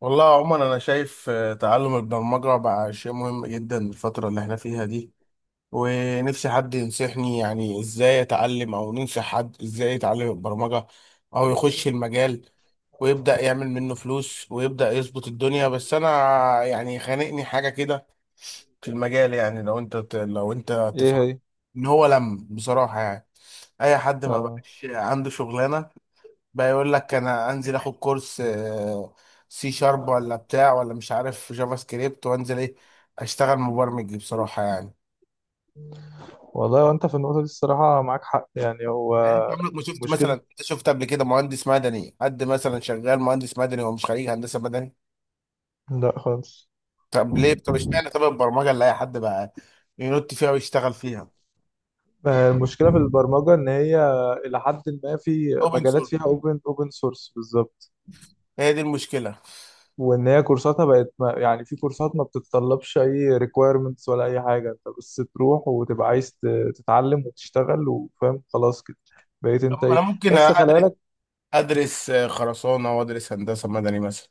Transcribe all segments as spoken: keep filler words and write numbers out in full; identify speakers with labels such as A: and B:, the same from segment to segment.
A: والله عموما انا شايف آه، تعلم البرمجه بقى شيء مهم جدا الفتره اللي احنا فيها دي. ونفسي حد ينصحني، يعني ازاي اتعلم او ننصح حد ازاي يتعلم البرمجه او يخش المجال ويبدا يعمل منه فلوس ويبدا يظبط الدنيا. بس انا يعني خانقني حاجه كده في المجال. يعني لو انت ت- لو انت
B: ايه
A: تفهم
B: هي؟
A: ان هو لم بصراحه، يعني اي حد ما
B: آه.
A: بقاش عنده شغلانه بقى يقول لك انا انزل اخد كورس سي شارب ولا بتاع ولا مش عارف جافا سكريبت، وانزل ايه اشتغل مبرمج بصراحة يعني.
B: والله، وانت في النقطة دي الصراحة معاك حق، يعني هو
A: يعني انت عمرك ما شفت مثلا،
B: مشكلة.
A: انت شفت قبل كده مهندس مدني، حد مثلا شغال مهندس مدني هو مش خريج هندسة مدني؟
B: لا خالص.
A: طب ليه؟ طب اشمعنى؟ طب البرمجة اللي اي حد بقى ينط فيها ويشتغل فيها.
B: آه، المشكلة في البرمجة إن هي إلى حد ما في
A: اوبن
B: مجالات
A: سورس،
B: فيها أوبن أوبن سورس بالظبط،
A: هي دي المشكلة.
B: وإن هي كورساتها بقت، ما يعني، في كورسات ما بتتطلبش أي ريكويرمنتس ولا أي حاجة. أنت بس تروح وتبقى عايز ت- تتعلم وتشتغل وفاهم خلاص كده. بقيت
A: طب
B: أنت
A: انا
B: إيه؟
A: ممكن
B: بس خلي
A: ادرس،
B: بالك.
A: ادرس خرسانة وادرس هندسة مدني مثلا.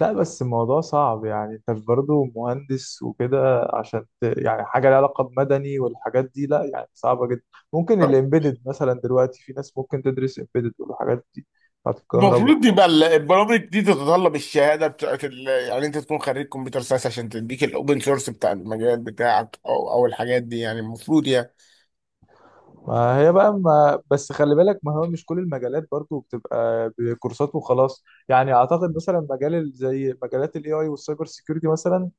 B: لا، بس الموضوع صعب، يعني انت برضه مهندس وكده عشان ت... يعني حاجه لها علاقه بمدني والحاجات دي، لا يعني صعبه جدا. ممكن الامبيدد مثلا، دلوقتي في ناس ممكن تدرس امبيدد والحاجات دي بتاعت الكهرباء.
A: المفروض يبقى ال- البرامج دي تتطلب الشهاده بتاعت ال... يعني انت تكون خريج كمبيوتر ساينس عشان تديك الاوبن سورس بتاع المجال بتاعك او او الحاجات دي، يعني المفروض يعني.
B: ما هي بقى ما بس خلي بالك، ما هو مش كل المجالات برضو بتبقى بكورسات وخلاص. يعني اعتقد مثلا مجال ال- زي مجالات الاي اي والسايبر سيكيورتي مثلا،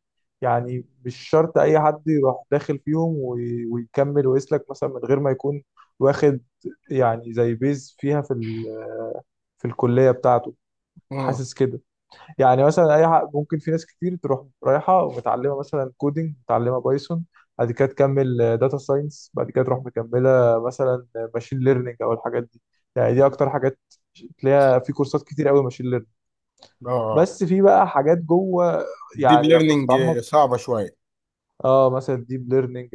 B: يعني مش شرط اي حد يروح داخل فيهم وي- ويكمل ويسلك مثلا من غير ما يكون واخد، يعني زي بيز فيها في ال- في الكلية بتاعته.
A: امم.
B: حاسس كده. يعني مثلا اي حق ممكن، في ناس كتير تروح رايحه ومتعلمه مثلا كودينج، متعلمه بايثون، بعد كده تكمل داتا ساينس، بعد كده تروح مكمله مثلا ماشين ليرنينج او الحاجات دي. يعني دي اكتر حاجات تلاقيها في كورسات كتير قوي، ماشين ليرنينج.
A: اه،
B: بس في بقى حاجات جوه،
A: الديب
B: يعني لما
A: ليرنينج
B: تتعمق.
A: صعبه شويه.
B: اه مثلا الديب ليرنينج.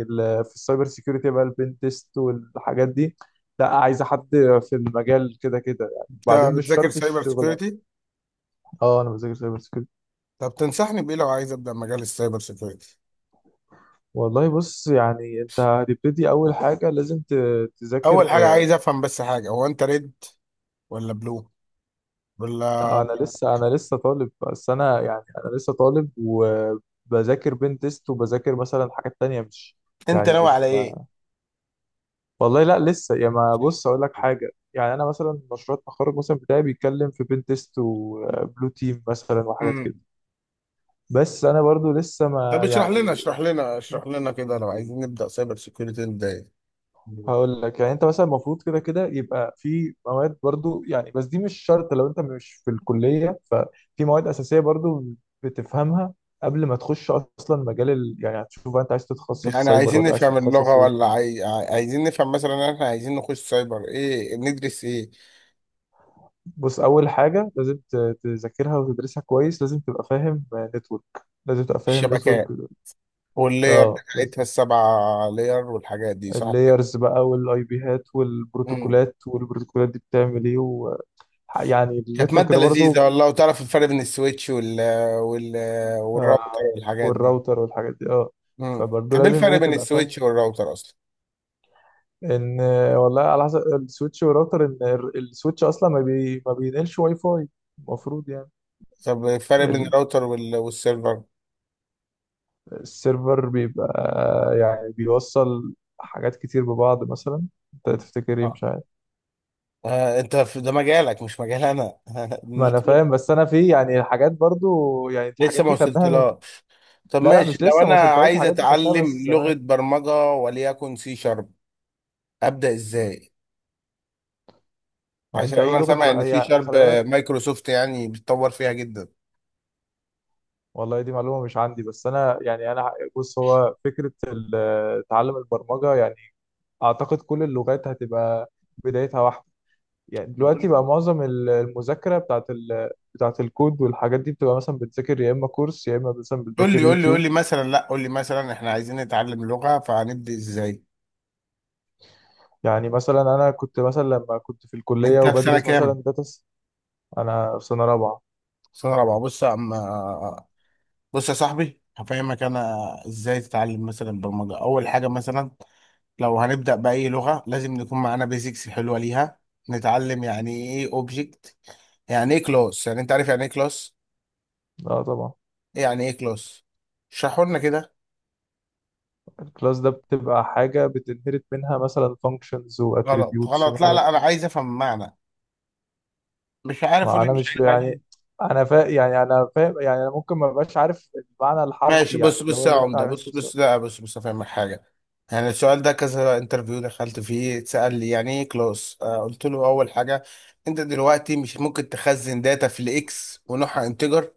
B: في السايبر سيكيورتي بقى، البين تيست والحاجات دي، لا عايزه حد في المجال كده كده، يعني
A: انت
B: بعدين مش
A: بتذاكر
B: شرط
A: سايبر
B: الشغل.
A: سيكيورتي؟
B: اه، انا بذاكر سايبر سيكيورتي.
A: طب تنصحني بايه لو عايز ابدا مجال السايبر سيكيورتي؟
B: والله بص، يعني انت هتبتدي، اول حاجه لازم ت- تذاكر.
A: اول حاجه عايز افهم بس حاجه، هو انت ريد ولا بلو ولا؟
B: انا لسه انا لسه طالب، بس انا يعني انا لسه طالب، وبذاكر بين تيست، وبذاكر مثلا حاجات تانية، مش
A: انت
B: يعني
A: ناوي على
B: مش
A: ايه؟
B: ما والله لا، لسه يا ما. بص اقول لك حاجه، يعني انا مثلا مشروع التخرج مثلا بتاعي بيتكلم في بين تيست وبلو تيم مثلا وحاجات كده.
A: امم.
B: بس انا برضو لسه
A: طب
B: ما
A: اشرح لنا
B: يعني.
A: اشرح لنا اشرح لنا كده، لو عايزين نبدا سايبر سيكيورتي نبدا ايه؟
B: هقول لك، يعني انت مثلا المفروض كده كده يبقى في مواد برضو، يعني بس دي مش شرط لو انت مش في الكلية، ففي مواد أساسية برضو بتفهمها قبل ما تخش اصلا مجال ال... يعني هتشوف بقى، انت عايز تتخصص
A: يعني
B: سايبر
A: عايزين
B: ولا عايز
A: نفهم اللغة،
B: تتخصص
A: ولا
B: ايه؟
A: عاي... عاي- عايزين نفهم مثلا إن احنا عايزين نخش سايبر ايه ندرس ايه؟
B: بص اول حاجة لازم ت- تذاكرها وتدرسها كويس. لازم تبقى فاهم نتورك. لازم تبقى فاهم نتورك،
A: الشبكات واللير
B: اه لازم.
A: بتاعتها السبعة لير والحاجات دي، صح كده؟
B: اللايرز بقى والاي بي هات
A: امم
B: والبروتوكولات، والبروتوكولات دي بتعمل ايه و... يعني
A: كانت
B: النتورك
A: مادة
B: ده
A: لذيذة
B: برضو.
A: والله، وتعرف الفرق بين السويتش وال وال
B: آه،
A: والراوتر والحاجات دي.
B: والراوتر والحاجات دي، اه،
A: امم
B: فبرضه
A: طب ايه
B: لازم
A: الفرق
B: ايه
A: بين
B: تبقى فاهم.
A: السويتش والراوتر اصلا؟
B: ان آه، والله على حسب، السويتش والراوتر، ان ال- السويتش اصلا ما بي ما بينقلش واي فاي المفروض، يعني.
A: طب الفرق بين
B: ال-
A: الراوتر وال... والسيرفر؟
B: السيرفر بيبقى يعني بيوصل حاجات كتير ببعض مثلا. انت تفتكر ايه؟
A: اه،
B: مش عارف.
A: آه، انت في ده مجالك، مش مجال انا.
B: ما انا فاهم، بس انا في، يعني الحاجات برضو، يعني الحاجات
A: لسه ما
B: دي خدناها من...
A: وصلتلهاش. طب
B: لا لا،
A: ماشي،
B: مش
A: لو
B: لسه، ما
A: انا
B: وصلتهاش.
A: عايز
B: الحاجات دي خدتها بس
A: اتعلم لغة
B: زمان.
A: برمجة وليكن سي شارب، ابدأ ازاي؟
B: ما
A: عشان
B: انت اي
A: انا
B: لغه
A: سامع ان
B: بقى،
A: سي
B: هي
A: شارب
B: خلي بالك.
A: مايكروسوفت يعني بتطور فيها جدا.
B: والله دي معلومة مش عندي، بس أنا يعني، أنا بص، هو فكرة ال- آه، تعلم البرمجة، يعني أعتقد كل اللغات هتبقى بدايتها واحدة. يعني
A: قول
B: دلوقتي بقى معظم ال- المذاكرة بتاعت ال بتاعت الكود والحاجات دي بتبقى مثلا بتذاكر يا إما كورس، يا إما مثلا
A: قول
B: بتذاكر
A: لي قول لي قول
B: يوتيوب.
A: لي مثلا، لا قول لي مثلا احنا عايزين نتعلم لغة، فهنبدأ ازاي؟
B: يعني مثلا أنا كنت مثلا لما كنت في الكلية
A: انت في سنة
B: وبدرس مثلا
A: كام؟
B: داتا س- أنا في سنة رابعة.
A: سنة رابعة. بص يا عم، بص يا صاحبي، هفهمك انا ازاي تتعلم مثلا برمجة. اول حاجة مثلا، لو هنبدأ بأي لغة لازم نكون معانا بيزكس حلوة ليها. نتعلم يعني ايه اوبجكت، يعني ايه كلاس. يعني انت عارف يعني ايه كلاس؟
B: اه طبعا.
A: يعني ايه كلاس؟ اشرحوا لنا كده.
B: الكلاس ده بتبقى حاجة بتنهرت منها مثلا functions و
A: غلط
B: attributes
A: غلط، لا
B: وحاجات.
A: لا، انا عايز افهم المعنى. مش عارف قول
B: ما
A: لي
B: انا
A: مش
B: مش
A: عارف، عادي.
B: يعني، انا فا... يعني انا فاهم، يعني انا ممكن ما بقاش عارف المعنى
A: ماشي
B: الحرفي، يعني
A: بص
B: اللي
A: بص
B: هو
A: يا
B: اللي انت
A: عمده،
B: عايز
A: بص
B: توصل.
A: بص، لا بص بص افهمك حاجه. يعني السؤال ده كذا انترفيو دخلت فيه اتسال لي يعني ايه كلاس، آه قلت له اول حاجه، انت دلوقتي مش ممكن تخزن داتا في الاكس ونوعها انتجر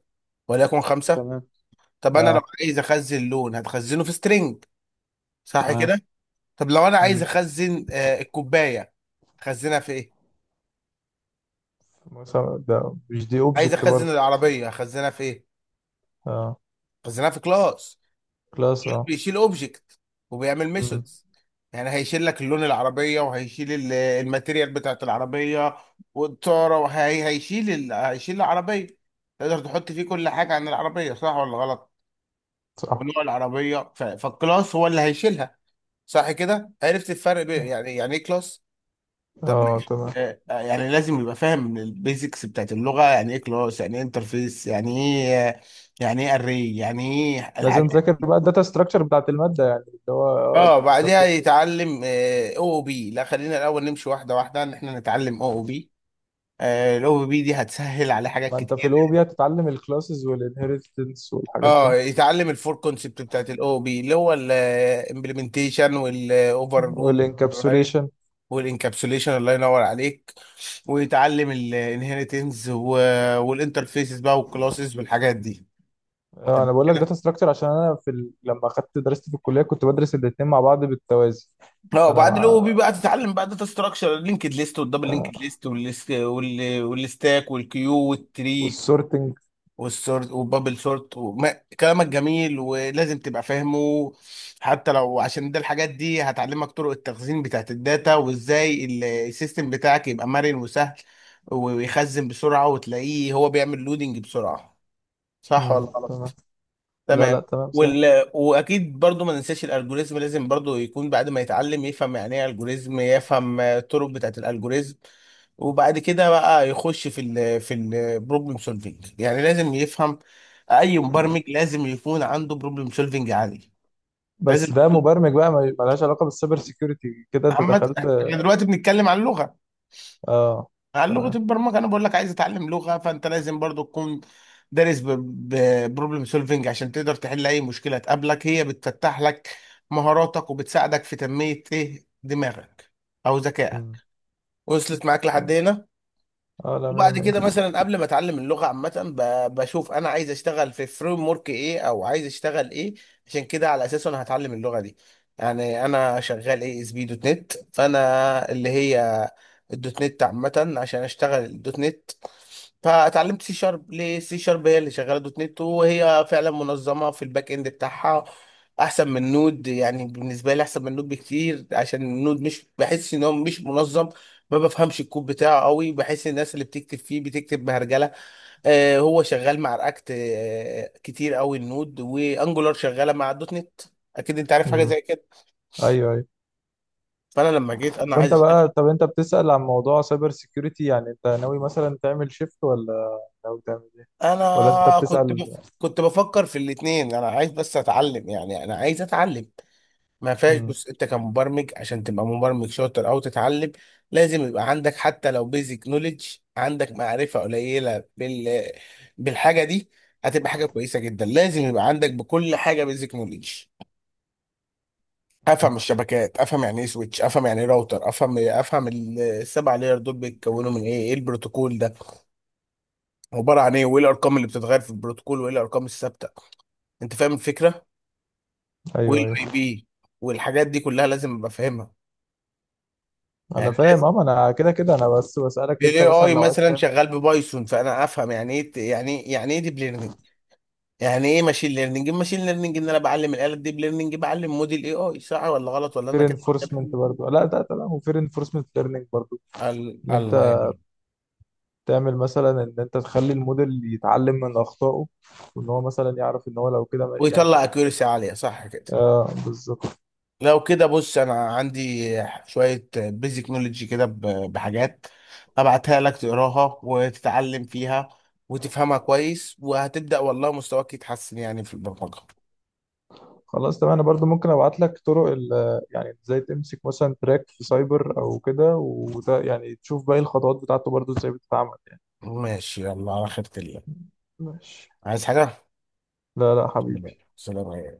A: وليكن خمسه.
B: تمام،
A: طب انا
B: اه
A: لو عايز اخزن لون هتخزنه في سترينج، صح
B: تمام.
A: كده؟ طب لو انا عايز
B: مم.
A: اخزن آه الكوبايه، خزنها في ايه؟
B: مثلا ده مش، دي
A: عايز
B: اوبجكت
A: اخزن
B: برضه.
A: العربيه اخزنها في ايه؟
B: اه.
A: اخزنها في كلاس.
B: كلاس،
A: كلاس
B: اه.
A: بيشيل اوبجكت وبيعمل
B: امم.
A: ميثودز. يعني هيشيل لك اللون العربيه، وهيشيل ال- الماتيريال بتاعت العربيه والطاره، وهيشيل ال... هيشيل العربيه. تقدر تحط فيه كل حاجه عن العربيه، صح ولا غلط؟
B: صح
A: ونوع العربيه ف... فالكلاس هو اللي هيشيلها. صح كده؟ عرفت الفرق بين
B: صح.
A: يعني يعني ايه كلاس؟ طب
B: اه
A: ماشي،
B: تمام.
A: آه، آه، يعني لازم يبقى فاهم البيزكس بتاعت اللغه. يعني ايه كلاس، يعني ايه انترفيس، يعني ايه، يعني ايه اري، يعني ايه
B: لازم
A: الحاجات.
B: تذاكر بقى الداتا ستراكشر بتاعت الماده، يعني اللي هو اه
A: اه، بعدها
B: بالظبط.
A: يتعلم او او بي. لا، خلينا الاول نمشي واحده واحده، ان احنا نتعلم او او بي. الاو او بي دي هتسهل على حاجات
B: ما انت في
A: كتير
B: الاو
A: يعني.
B: بي هتتعلم الكلاسز والانهيرتنس والحاجات
A: اه،
B: دي.
A: يتعلم الفور كونسبت بتاعت الاو او بي، اللي هو الامبلمنتيشن والاوفر لود
B: والانكابسوليشن.
A: والانكابسوليشن. الله ينور عليك. ويتعلم الانهيرتنس والانترفيسز بقى والكلاسز والحاجات دي.
B: آه،
A: تمام
B: انا بقول لك
A: كده.
B: داتا ستراكشر عشان انا في ال... لما اخدت درست في الكليه كنت بدرس الاثنين مع بعض بالتوازي.
A: اه،
B: فانا
A: وبعد الاو
B: مع.
A: بي بقى تتعلم بقى داتا ستراكشر، اللينكد ليست والدبل لينكد
B: آه،
A: ليست والستاك والكيو والتري
B: والسورتنج.
A: والسورت وبابل سورت وما. كلامك جميل، ولازم تبقى فاهمه حتى لو، عشان ده الحاجات دي هتعلمك طرق التخزين بتاعت الداتا، وازاي ال- السيستم بتاعك يبقى مرن وسهل، ويخزن بسرعة وتلاقيه هو بيعمل لودنج بسرعة. صح ولا
B: امم
A: غلط؟
B: تمام. لا لا
A: تمام.
B: تمام صح.
A: وال... واكيد برضو ما ننساش الالجوريزم. لازم برضو يكون بعد ما يتعلم يفهم يعني ايه الجوريزم، يفهم آه، الطرق بتاعه الالجوريزم. وبعد كده بقى يخش في ال في البروبلم سولفينج. يعني لازم يفهم، اي مبرمج لازم يكون عنده بروبلم سولفينج عالي. لازم
B: بس ده
A: تكون-
B: مبرمج بقى، ما- ملهاش علاقه بالسايبر سيكيورتي كده انت
A: محمد،
B: دخلت.
A: احنا دلوقتي بنتكلم عن لغة،
B: اه
A: على لغة
B: تمام.
A: البرمجة. أنا بقول لك عايز أتعلم لغة، فأنت لازم برضو تكون دارس ببروبلم سولفنج عشان تقدر تحل أي مشكلة تقابلك. هي بتفتح لك مهاراتك، وبتساعدك في تنمية إيه دماغك أو ذكائك.
B: امم
A: وصلت معاك لحد
B: تمام.
A: هنا؟
B: اه لا، مية
A: وبعد
B: مية.
A: كده مثلا، قبل ما اتعلم اللغه عامه، ب- بشوف انا عايز اشتغل في فريم ورك ايه، او عايز اشتغل ايه. عشان كده على اساسه انا هتعلم اللغه دي. يعني انا شغال اي اس بي دوت نت، فانا اللي هي الدوت نت عامه عشان اشتغل الدوت نت. فاتعلمت سي شارب، ليه سي شارب؟ هي اللي شغاله دوت نت، وهي فعلا منظمه في الباك اند بتاعها، احسن من نود يعني. بالنسبه لي احسن من نود بكتير، عشان نود مش، بحس ان هو مش منظم. ما بفهمش الكود بتاعه قوي، بحس الناس اللي بتكتب فيه بتكتب بهرجله. آه هو شغال مع رياكت آه كتير قوي النود، وانجولار شغاله مع الدوت نت. اكيد انت عارف حاجه
B: امم.
A: زي كده.
B: ايوه ايوه.
A: فانا لما جيت
B: طب
A: انا عايز
B: وانت بقى،
A: أشتغل.
B: طب انت بتسأل عن موضوع سايبر سيكيورتي، يعني انت ناوي مثلا تعمل شيفت ولا ناوي تعمل ايه؟ ولا انت
A: انا كنت
B: بتسأل؟
A: بف... كنت بفكر في الاثنين. انا عايز بس اتعلم يعني، انا عايز اتعلم، ما فيهاش.
B: امم.
A: بص، انت كمبرمج عشان تبقى مبرمج شاطر او تتعلم، لازم يبقى عندك حتى لو بيزك نوليدج، عندك معرفة قليلة بال بالحاجة دي. هتبقى حاجة كويسة جدا. لازم يبقى عندك بكل حاجة بيزك نوليدج. افهم الشبكات، افهم يعني ايه سويتش، افهم يعني ايه راوتر، افهم افهم ال- السبع لاير دول بيتكونوا من ايه، ايه البروتوكول ده عبارة عن ايه، وايه الارقام اللي بتتغير في البروتوكول، وايه الارقام الثابتة. انت فاهم الفكرة؟ وايه
B: ايوه ايوه.
A: الاي بي والحاجات دي كلها لازم ابقى فاهمها
B: انا
A: يعني.
B: فاهم اه، ما انا كده كده، انا بس بسالك انت
A: الاي
B: مثلا
A: اي
B: لو عايز
A: مثلا
B: تعمل
A: شغال ببايثون، فانا افهم يعني ايه ت- يعني إيه- يعني ايه ديب ليرنينج، يعني ايه ماشين ليرنينج. ماشين ليرنينج ان انا بعلم الاله، ديب ليرنينج بعلم موديل اي اي، صح ولا غلط، ولا
B: peer
A: انا كده
B: enforcement
A: بتكلم؟
B: برضو، لا لا لا، و peer enforcement learning برضو،
A: ال-
B: ان انت
A: الله يهديك.
B: تعمل مثلا، ان انت تخلي الموديل يتعلم من اخطائه، وان هو مثلا يعرف ان هو لو كده ما-
A: ويطلع
B: يعني.
A: اكيورسي عاليه، صح كده؟
B: اه بالظبط.
A: لو كده بص، انا عندي شويه بيزك نولج كده ب- بحاجات، ابعتها لك تقراها وتتعلم فيها وتفهمها كويس، وهتبدا والله مستواك يتحسن يعني في البرمجه.
B: خلاص تمام. انا برضو ممكن ابعت لك طرق ال- يعني ازاي تمسك مثلا تراك في سايبر او كده، وده يعني تشوف باقي الخطوات بتاعته برضو ازاي بتتعمل، يعني.
A: ماشي، يلا على خيرة الله.
B: ماشي.
A: عايز حاجه؟
B: لا لا
A: لا،
B: حبيبي.
A: سلام عليكم.